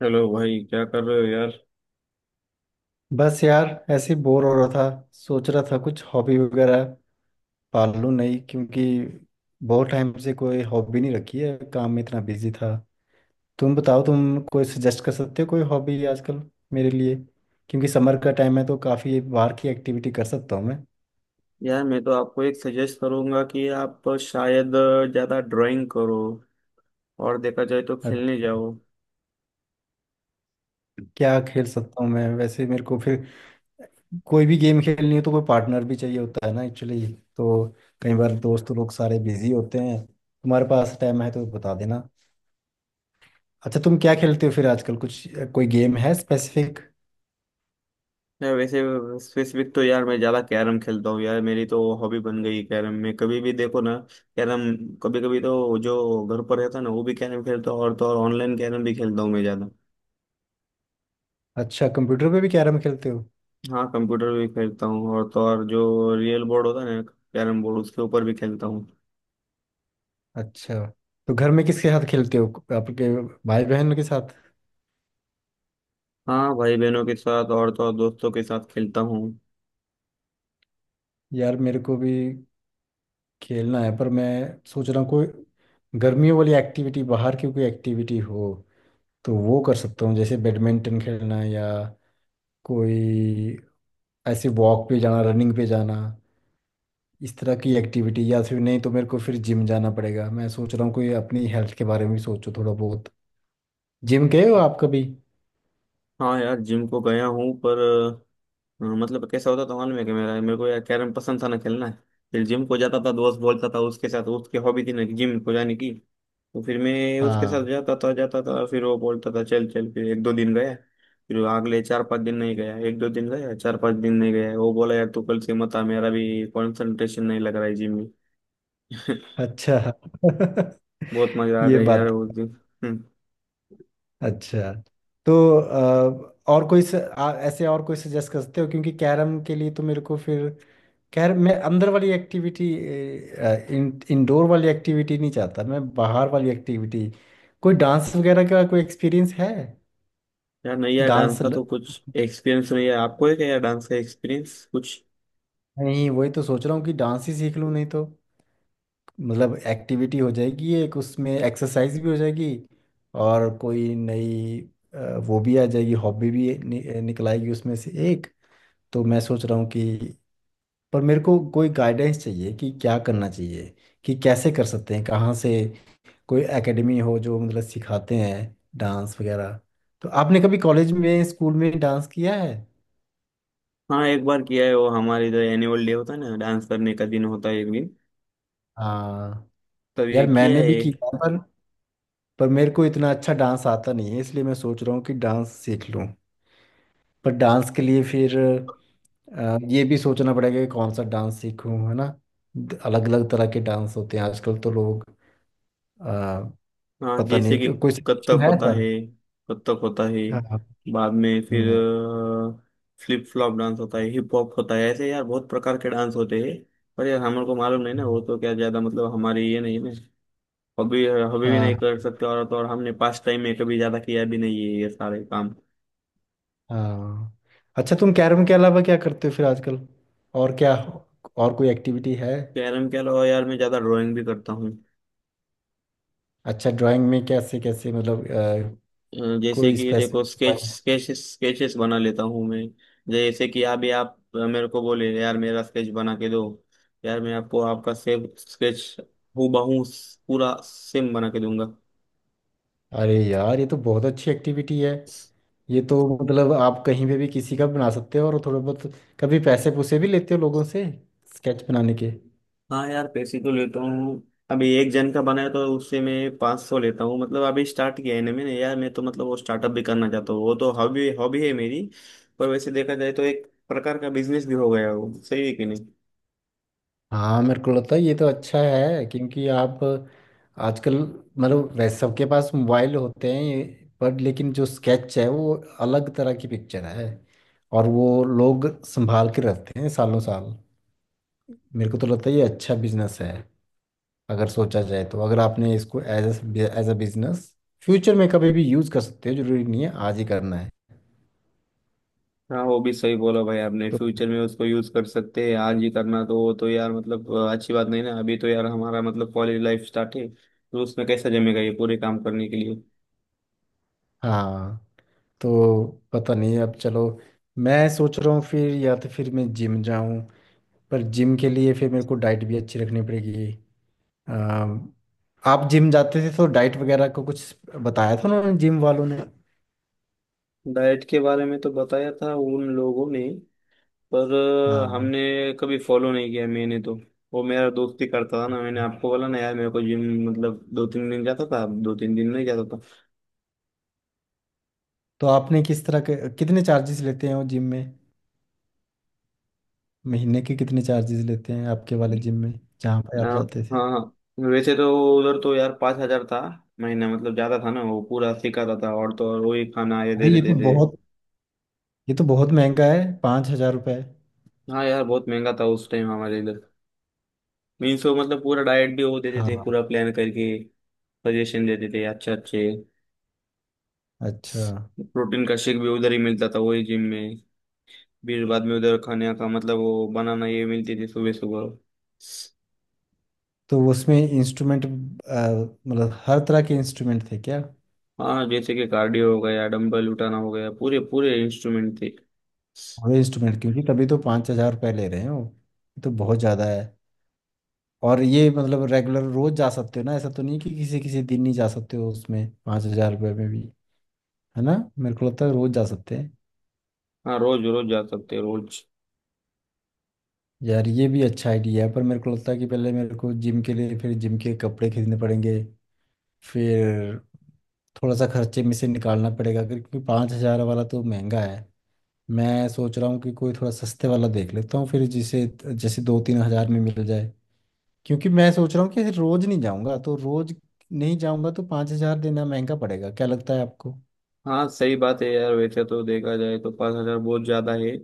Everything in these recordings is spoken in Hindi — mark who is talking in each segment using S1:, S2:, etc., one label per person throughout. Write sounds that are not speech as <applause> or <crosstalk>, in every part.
S1: चलो भाई, क्या कर रहे हो यार।
S2: बस यार ऐसे ही बोर हो रहा था। सोच रहा था कुछ हॉबी वगैरह पाल लूं, नहीं क्योंकि बहुत टाइम से कोई हॉबी नहीं रखी है, काम में इतना बिजी था। तुम बताओ, तुम कोई सजेस्ट कर सकते हो कोई हॉबी आजकल मेरे लिए, क्योंकि समर का टाइम है तो काफ़ी बाहर की एक्टिविटी कर सकता हूँ मैं।
S1: यार, मैं तो आपको एक सजेस्ट करूंगा कि आप शायद ज़्यादा ड्राइंग करो और देखा जाए तो खेलने
S2: अच्छा।
S1: जाओ।
S2: क्या खेल सकता हूँ मैं वैसे? मेरे को फिर कोई भी गेम खेलनी हो तो कोई पार्टनर भी चाहिए होता है ना, एक्चुअली। तो कई बार दोस्त लोग सारे बिजी होते हैं, तुम्हारे पास टाइम है तो बता देना। अच्छा, तुम क्या खेलते हो फिर आजकल कुछ? कोई गेम है स्पेसिफिक?
S1: मैं वैसे स्पेसिफिक तो यार मैं ज़्यादा कैरम खेलता हूँ यार, मेरी तो हॉबी बन गई कैरम में, कभी भी देखो ना। कैरम कभी कभी तो जो घर पर रहता है ना, वो भी कैरम खेलता हूँ, और तो और ऑनलाइन कैरम भी खेलता हूँ मैं ज़्यादा।
S2: अच्छा, कंप्यूटर पे भी कैरम खेलते हो?
S1: हाँ, कंप्यूटर भी खेलता हूँ, और तो और जो रियल बोर्ड होता है ना, कैरम बोर्ड, उसके ऊपर भी खेलता हूँ।
S2: अच्छा। तो घर में किसके साथ खेलते हो? आपके भाई बहन के साथ?
S1: हाँ, भाई बहनों के साथ और तो और दोस्तों के साथ खेलता हूँ।
S2: यार मेरे को भी खेलना है, पर मैं सोच रहा हूँ कोई गर्मियों वाली एक्टिविटी, बाहर की कोई एक्टिविटी हो तो वो कर सकता हूँ, जैसे बैडमिंटन खेलना या कोई, ऐसे वॉक पे जाना, रनिंग पे जाना, इस तरह की एक्टिविटी। या फिर नहीं तो मेरे को फिर जिम जाना पड़ेगा। मैं सोच रहा हूँ कोई, अपनी हेल्थ के बारे में भी सोचो थोड़ा बहुत। जिम गए हो आप कभी?
S1: हाँ यार, जिम को गया हूँ, पर मतलब कैसा होता था मालूम है कि मेरा मेरे को यार कैरम पसंद था ना खेलना। फिर जिम को जाता था, दोस्त बोलता था उसके साथ, उसकी हॉबी थी ना जिम को जाने की, तो फिर मैं उसके साथ
S2: हाँ।
S1: जाता था, फिर वो बोलता था चल चल, फिर एक दो दिन गया। फिर वो अगले चार पाँच दिन नहीं गया, एक दो दिन गया, चार पाँच दिन नहीं गया, वो बोला यार तू कल से मत आ, मेरा भी कंसंट्रेशन नहीं लग रहा है जिम में। <laughs>
S2: अच्छा।
S1: बहुत
S2: <laughs>
S1: मजा आ
S2: ये
S1: गया यार
S2: बात।
S1: उस दिन। हम्म।
S2: अच्छा। तो और कोई ऐसे और कोई सजेस्ट करते हो, क्योंकि कैरम के लिए तो मेरे को फिर, कैरम मैं अंदर वाली एक्टिविटी, इंडोर वाली एक्टिविटी नहीं चाहता, मैं बाहर वाली एक्टिविटी। कोई डांस वगैरह का कोई एक्सपीरियंस है?
S1: यार नहीं यार, डांस
S2: डांस
S1: का
S2: ल...
S1: तो कुछ एक्सपीरियंस नहीं है। आपको है क्या यार डांस का एक्सपीरियंस कुछ?
S2: नहीं, वही तो सोच रहा हूँ कि डांस ही सीख लूँ, नहीं तो मतलब एक्टिविटी हो जाएगी एक, उसमें एक्सरसाइज भी हो जाएगी, और कोई नई अ, वो भी आ जाएगी, हॉबी भी निकल आएगी उसमें से एक। तो मैं सोच रहा हूँ कि, पर मेरे को कोई गाइडेंस चाहिए कि क्या करना चाहिए, कि कैसे कर सकते हैं, कहाँ से कोई एकेडमी हो जो मतलब सिखाते हैं डांस वगैरह। तो आपने कभी कॉलेज में, स्कूल में डांस किया है?
S1: हाँ, एक बार किया है। वो हमारे जो एनुअल डे होता है ना, डांस करने का दिन होता है एक दिन,
S2: हाँ।
S1: तभी
S2: यार
S1: किया
S2: मैंने भी
S1: है।
S2: किया, पर मेरे को इतना अच्छा डांस आता नहीं है, इसलिए मैं सोच रहा हूँ कि डांस सीख लूँ। पर डांस के लिए फिर ये भी सोचना पड़ेगा कि कौन सा डांस सीखूं, है ना। अलग अलग तरह के डांस होते हैं आजकल तो लोग अ,
S1: हाँ,
S2: पता
S1: जैसे
S2: नहीं,
S1: कि
S2: कोई
S1: कथक
S2: suggestion है
S1: होता
S2: सर?
S1: है। कथक होता है,
S2: हाँ हाँ।
S1: बाद में फिर
S2: हम्म।
S1: फ्लिप फ्लॉप डांस होता है, हिप हॉप होता है, ऐसे यार बहुत प्रकार के डांस होते हैं। पर यार हमारे को मालूम नहीं ना,
S2: हम्म।
S1: वो तो क्या ज्यादा, मतलब हमारी ये नहीं ना, हॉबी हॉबी भी नहीं
S2: हाँ
S1: कर सकते, और तो और हमने पास टाइम में कभी ज्यादा किया भी नहीं है ये सारे काम।
S2: हाँ। अच्छा, तुम कैरम के अलावा क्या करते हो फिर आजकल? और क्या? और कोई एक्टिविटी है?
S1: कैरम के अलावा यार मैं ज्यादा ड्राइंग भी करता हूँ।
S2: अच्छा, ड्राइंग में कैसे कैसे, मतलब
S1: जैसे
S2: कोई
S1: कि देखो,
S2: स्पेसिफिक?
S1: स्केच स्केच स्केचेस बना लेता हूँ मैं। जैसे कि अभी आप मेरे को बोले यार मेरा स्केच बना के दो, यार मैं आपको आपका सेम स्केच, हूबहू, पूरा सेम बना के दूंगा।
S2: अरे यार, ये तो बहुत अच्छी एक्टिविटी है। ये तो मतलब आप कहीं पे भी किसी का बना सकते हो, और थोड़ा बहुत कभी पैसे पुसे भी लेते हो लोगों से स्केच बनाने के?
S1: हाँ यार, पैसे तो लेता हूँ। अभी एक जन का बनाया तो उससे मैं 500 लेता हूँ। मतलब अभी स्टार्ट किया है ना मैंने यार, मैं तो मतलब वो स्टार्टअप भी करना चाहता हूँ, वो तो हॉबी हॉबी है मेरी। पर वैसे देखा जाए तो एक प्रकार का बिजनेस भी हो गया है। वो सही है कि नहीं?
S2: हाँ, मेरे को लगता है ये तो अच्छा है, क्योंकि आप आजकल, मतलब वैसे सबके पास मोबाइल होते हैं, पर लेकिन जो स्केच है वो अलग तरह की पिक्चर है, और वो लोग संभाल के रखते हैं सालों साल। मेरे को तो लगता है ये अच्छा बिजनेस है, अगर सोचा जाए तो। अगर आपने इसको as a, as a business future में कभी भी यूज कर सकते हो, जरूरी नहीं है आज ही करना है।
S1: हाँ, वो भी सही बोला भाई आपने,
S2: तो
S1: फ्यूचर में उसको यूज कर सकते हैं, आज ही करना तो वो तो यार मतलब अच्छी बात नहीं ना। अभी तो यार हमारा मतलब कॉलेज लाइफ स्टार्ट है, तो उसमें कैसा जमेगा ये पूरे काम करने के लिए।
S2: हाँ। तो पता नहीं, अब चलो, मैं सोच रहा हूँ फिर या तो फिर मैं जिम जाऊँ। पर जिम के लिए फिर मेरे को डाइट भी अच्छी रखनी पड़ेगी। अम, आप जिम जाते थे तो डाइट वगैरह को कुछ बताया था उन्होंने, जिम वालों ने?
S1: डाइट के बारे में तो बताया था उन लोगों ने, पर
S2: हाँ।
S1: हमने कभी फॉलो नहीं किया मैंने तो। वो मेरा दोस्त ही करता था ना, मैंने आपको बोला ना यार, मेरे को जिम मतलब दो तीन दिन जाता था, दो तीन दिन नहीं जाता था।
S2: तो आपने किस तरह के, कितने चार्जेस लेते हैं वो जिम में? महीने के कितने चार्जेस लेते हैं आपके वाले जिम में, जहाँ पे आप
S1: हाँ।
S2: जाते थे?
S1: हाँ हाँ। वैसे तो उधर तो यार 5,000 था महीना, मतलब ज्यादा था ना, वो पूरा सिखाता था और तो और वही खाना ये
S2: अरे
S1: दे
S2: ये
S1: देते
S2: तो
S1: थे।
S2: बहुत, ये तो बहुत महंगा है, 5,000 रुपये।
S1: हाँ यार, बहुत महंगा था उस टाइम हमारे इधर। मीन्स वो मतलब पूरा डाइट भी वो देते थे, पूरा
S2: हाँ,
S1: प्लान करके सजेशन देते थे अच्छे अच्छे।
S2: अच्छा।
S1: प्रोटीन का शेक भी उधर ही मिलता था वही जिम में। फिर बाद में उधर खाने का मतलब वो बनाना ये मिलती थी सुबह सुबह।
S2: तो उसमें इंस्ट्रूमेंट, मतलब हर तरह के इंस्ट्रूमेंट थे क्या?
S1: हाँ, जैसे कि कार्डियो हो गया, डंबल उठाना हो गया, पूरे पूरे इंस्ट्रूमेंट थे।
S2: पूरे इंस्ट्रूमेंट, क्योंकि तभी तो 5,000 रुपये ले रहे हैं वो। ये तो बहुत ज़्यादा है। और ये मतलब रेगुलर रोज जा सकते हो ना, ऐसा तो नहीं कि किसी किसी दिन नहीं जा सकते हो उसमें, 5,000 रुपये में भी? है ना? मेरे को लगता है रोज जा सकते हैं।
S1: हाँ, रोज रोज जा सकते, रोज।
S2: यार ये भी अच्छा आइडिया है, पर मेरे को लगता है कि पहले मेरे को जिम के लिए फिर जिम के कपड़े खरीदने पड़ेंगे, फिर थोड़ा सा खर्चे में से निकालना पड़ेगा, क्योंकि 5,000 वाला तो महंगा है। मैं सोच रहा हूँ कि कोई थोड़ा सस्ते वाला देख लेता हूँ फिर, जिसे, जैसे 2-3 हजार में मिल जाए, क्योंकि मैं सोच रहा हूँ कि रोज नहीं जाऊँगा तो, रोज नहीं जाऊँगा तो 5,000 देना महंगा पड़ेगा। क्या लगता है आपको?
S1: हाँ सही बात है यार, वैसे तो देखा जाए तो 5,000 बहुत ज्यादा है।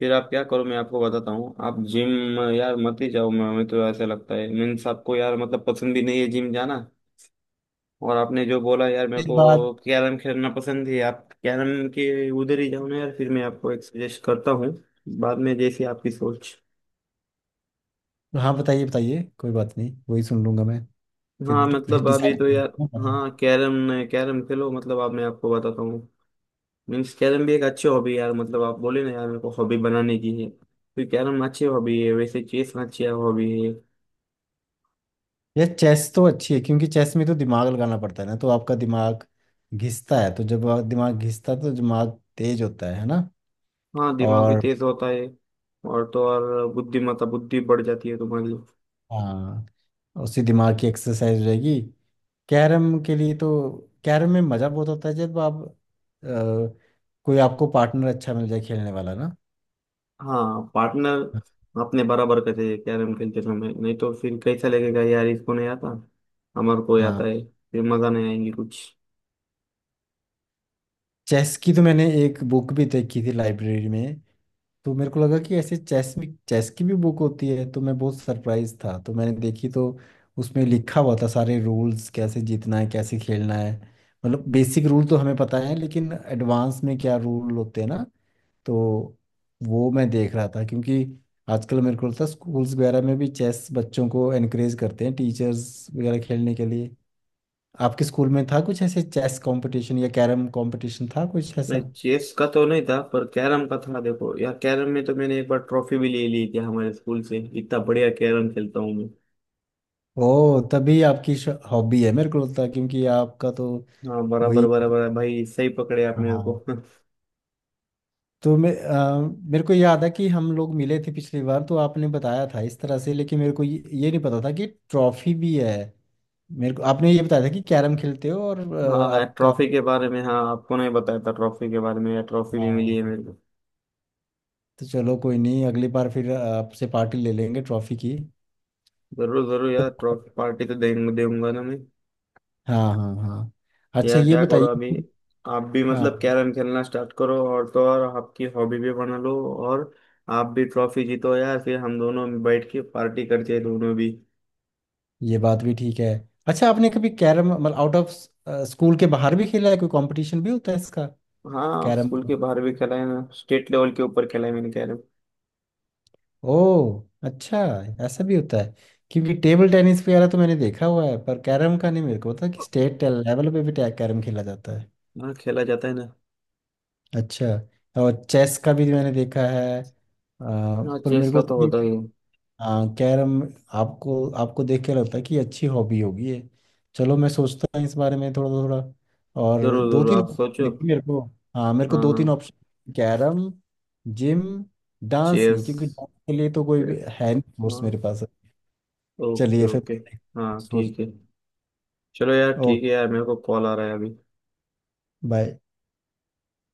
S1: फिर आप क्या करो, मैं आपको बताता हूँ, आप जिम यार मत ही जाओ। मैं, हमें तो ऐसा लगता है, मीन्स आपको यार मतलब पसंद भी नहीं है जिम जाना। और आपने जो बोला यार मेरे
S2: इस बात।
S1: को कैरम खेलना पसंद है, आप कैरम के उधर ही जाओ ना यार, फिर मैं आपको एक सजेस्ट करता हूँ। बाद में जैसी आपकी सोच।
S2: हाँ, बताइए बताइए, कोई बात नहीं, वही सुन लूंगा मैं फिर।
S1: हाँ
S2: फिर
S1: मतलब अभी
S2: डिसाइड।
S1: तो यार, हाँ, कैरम कैरम खेलो, मतलब अब मैं आपको बताता हूँ। मीन्स कैरम भी एक अच्छी हॉबी है यार, मतलब आप बोले ना यार मेरे को हॉबी बनाने की है, तो कैरम अच्छी हॉबी है, वैसे चेस अच्छी हॉबी है।
S2: यार चेस तो अच्छी है, क्योंकि चेस में तो दिमाग लगाना पड़ता है ना, तो आपका दिमाग घिसता है, तो जब दिमाग घिसता है तो दिमाग तेज होता है ना।
S1: हाँ, दिमाग भी
S2: और,
S1: तेज होता है, और तो और बुद्धि बढ़ जाती है तुम्हारी।
S2: हाँ, उसी दिमाग की एक्सरसाइज हो जाएगी। कैरम के लिए तो, कैरम में मज़ा बहुत होता है जब आप कोई आपको पार्टनर अच्छा मिल जाए खेलने वाला ना।
S1: हाँ, पार्टनर अपने बराबर का चाहिए कैरम खेलते समय, नहीं तो फिर कैसा लगेगा यार, इसको नहीं आता, हमारे को
S2: हाँ।
S1: आता है, फिर मजा नहीं आएंगी कुछ।
S2: चेस की तो मैंने एक बुक भी देखी थी लाइब्रेरी में। तो मेरे को लगा कि ऐसे चेस में, चेस की भी बुक होती है, तो मैं बहुत सरप्राइज था, तो मैंने देखी, तो उसमें लिखा हुआ था सारे रूल्स, कैसे जीतना है, कैसे खेलना है। मतलब बेसिक रूल तो हमें पता है, लेकिन एडवांस में क्या रूल होते हैं ना। तो वो मैं देख रहा था, क्योंकि आजकल मेरे को लगता है स्कूल्स वगैरह में भी चेस बच्चों को एनकरेज करते हैं, टीचर्स वगैरह खेलने के लिए। आपके स्कूल में था कुछ ऐसे, चेस कंपटीशन या कैरम कंपटीशन था कुछ ऐसा?
S1: नहीं, चेस का तो नहीं था पर कैरम का था। देखो यार, कैरम में तो मैंने एक बार ट्रॉफी भी ले ली थी हमारे स्कूल से, इतना बढ़िया कैरम खेलता हूँ।
S2: ओ, तभी आपकी हॉबी है, मेरे को लगता है, क्योंकि आपका तो
S1: हाँ बराबर
S2: वही है।
S1: बराबर है भाई, सही पकड़े आप मेरे को।
S2: हाँ।
S1: <laughs>
S2: तो मैं मेरे को याद है कि हम लोग मिले थे पिछली बार, तो आपने बताया था इस तरह से, लेकिन मेरे को ये नहीं पता था कि ट्रॉफी भी है। मेरे को आपने ये बताया था कि कैरम खेलते हो, और
S1: हाँ
S2: आपका।
S1: ट्रॉफी के बारे में, हाँ आपको नहीं बताया था ट्रॉफी के बारे में या? ट्रॉफी भी मिली
S2: हाँ।
S1: है मेरे को।
S2: तो चलो कोई नहीं, अगली बार फिर आपसे पार्टी ले लेंगे ट्रॉफी की तो-
S1: जरूर जरूर यार, ट्रॉफी पार्टी तो देंगे दूंगा ना मैं।
S2: हाँ हाँ हाँ। अच्छा
S1: यार
S2: ये
S1: क्या करो
S2: बताइए।
S1: अभी, आप भी
S2: हाँ,
S1: मतलब कैरम खेलना स्टार्ट करो, और तो और आपकी हॉबी भी बना लो, और आप भी ट्रॉफी जीतो यार, फिर हम दोनों बैठ के पार्टी करते हैं दोनों भी।
S2: ये बात भी ठीक है। अच्छा, आपने कभी कैरम मतलब आउट ऑफ, स्कूल के बाहर भी खेला है? कोई कंपटीशन भी होता है इसका?
S1: हाँ,
S2: कैरम
S1: स्कूल के
S2: का?
S1: बाहर भी खेला है ना, स्टेट लेवल के ऊपर खेला है मैंने कैरम।
S2: ओ, अच्छा। ऐसा भी होता है, क्योंकि टेबल टेनिस वगैरह तो मैंने देखा हुआ है, पर कैरम का नहीं मेरे को पता कि स्टेट लेवल पे भी कैरम खेला जाता है।
S1: हाँ, खेला जाता है ना।
S2: अच्छा। और चेस का भी मैंने देखा है
S1: हाँ,
S2: पर
S1: चेस
S2: मेरे
S1: का
S2: को
S1: तो होता
S2: तो,
S1: ही है।
S2: हाँ कैरम। आपको, आपको देख के लगता है कि अच्छी हॉबी होगी ये। चलो मैं सोचता हूँ इस बारे में थोड़ा थोड़ा। और
S1: जरूर
S2: दो
S1: जरूर,
S2: तीन
S1: आप सोचो।
S2: देखिए मेरे को, हाँ, मेरे को
S1: हाँ
S2: दो
S1: हाँ,
S2: तीन ऑप्शन: कैरम, जिम, डांस नहीं
S1: चेस।
S2: क्योंकि डांस के लिए तो कोई भी है नहीं कोर्स
S1: हाँ,
S2: मेरे पास।
S1: ओके
S2: चलिए फिर।
S1: ओके। हाँ
S2: सोच।
S1: ठीक है। चलो यार
S2: ओ,
S1: ठीक है यार, मेरे को कॉल आ रहा है अभी।
S2: बाय।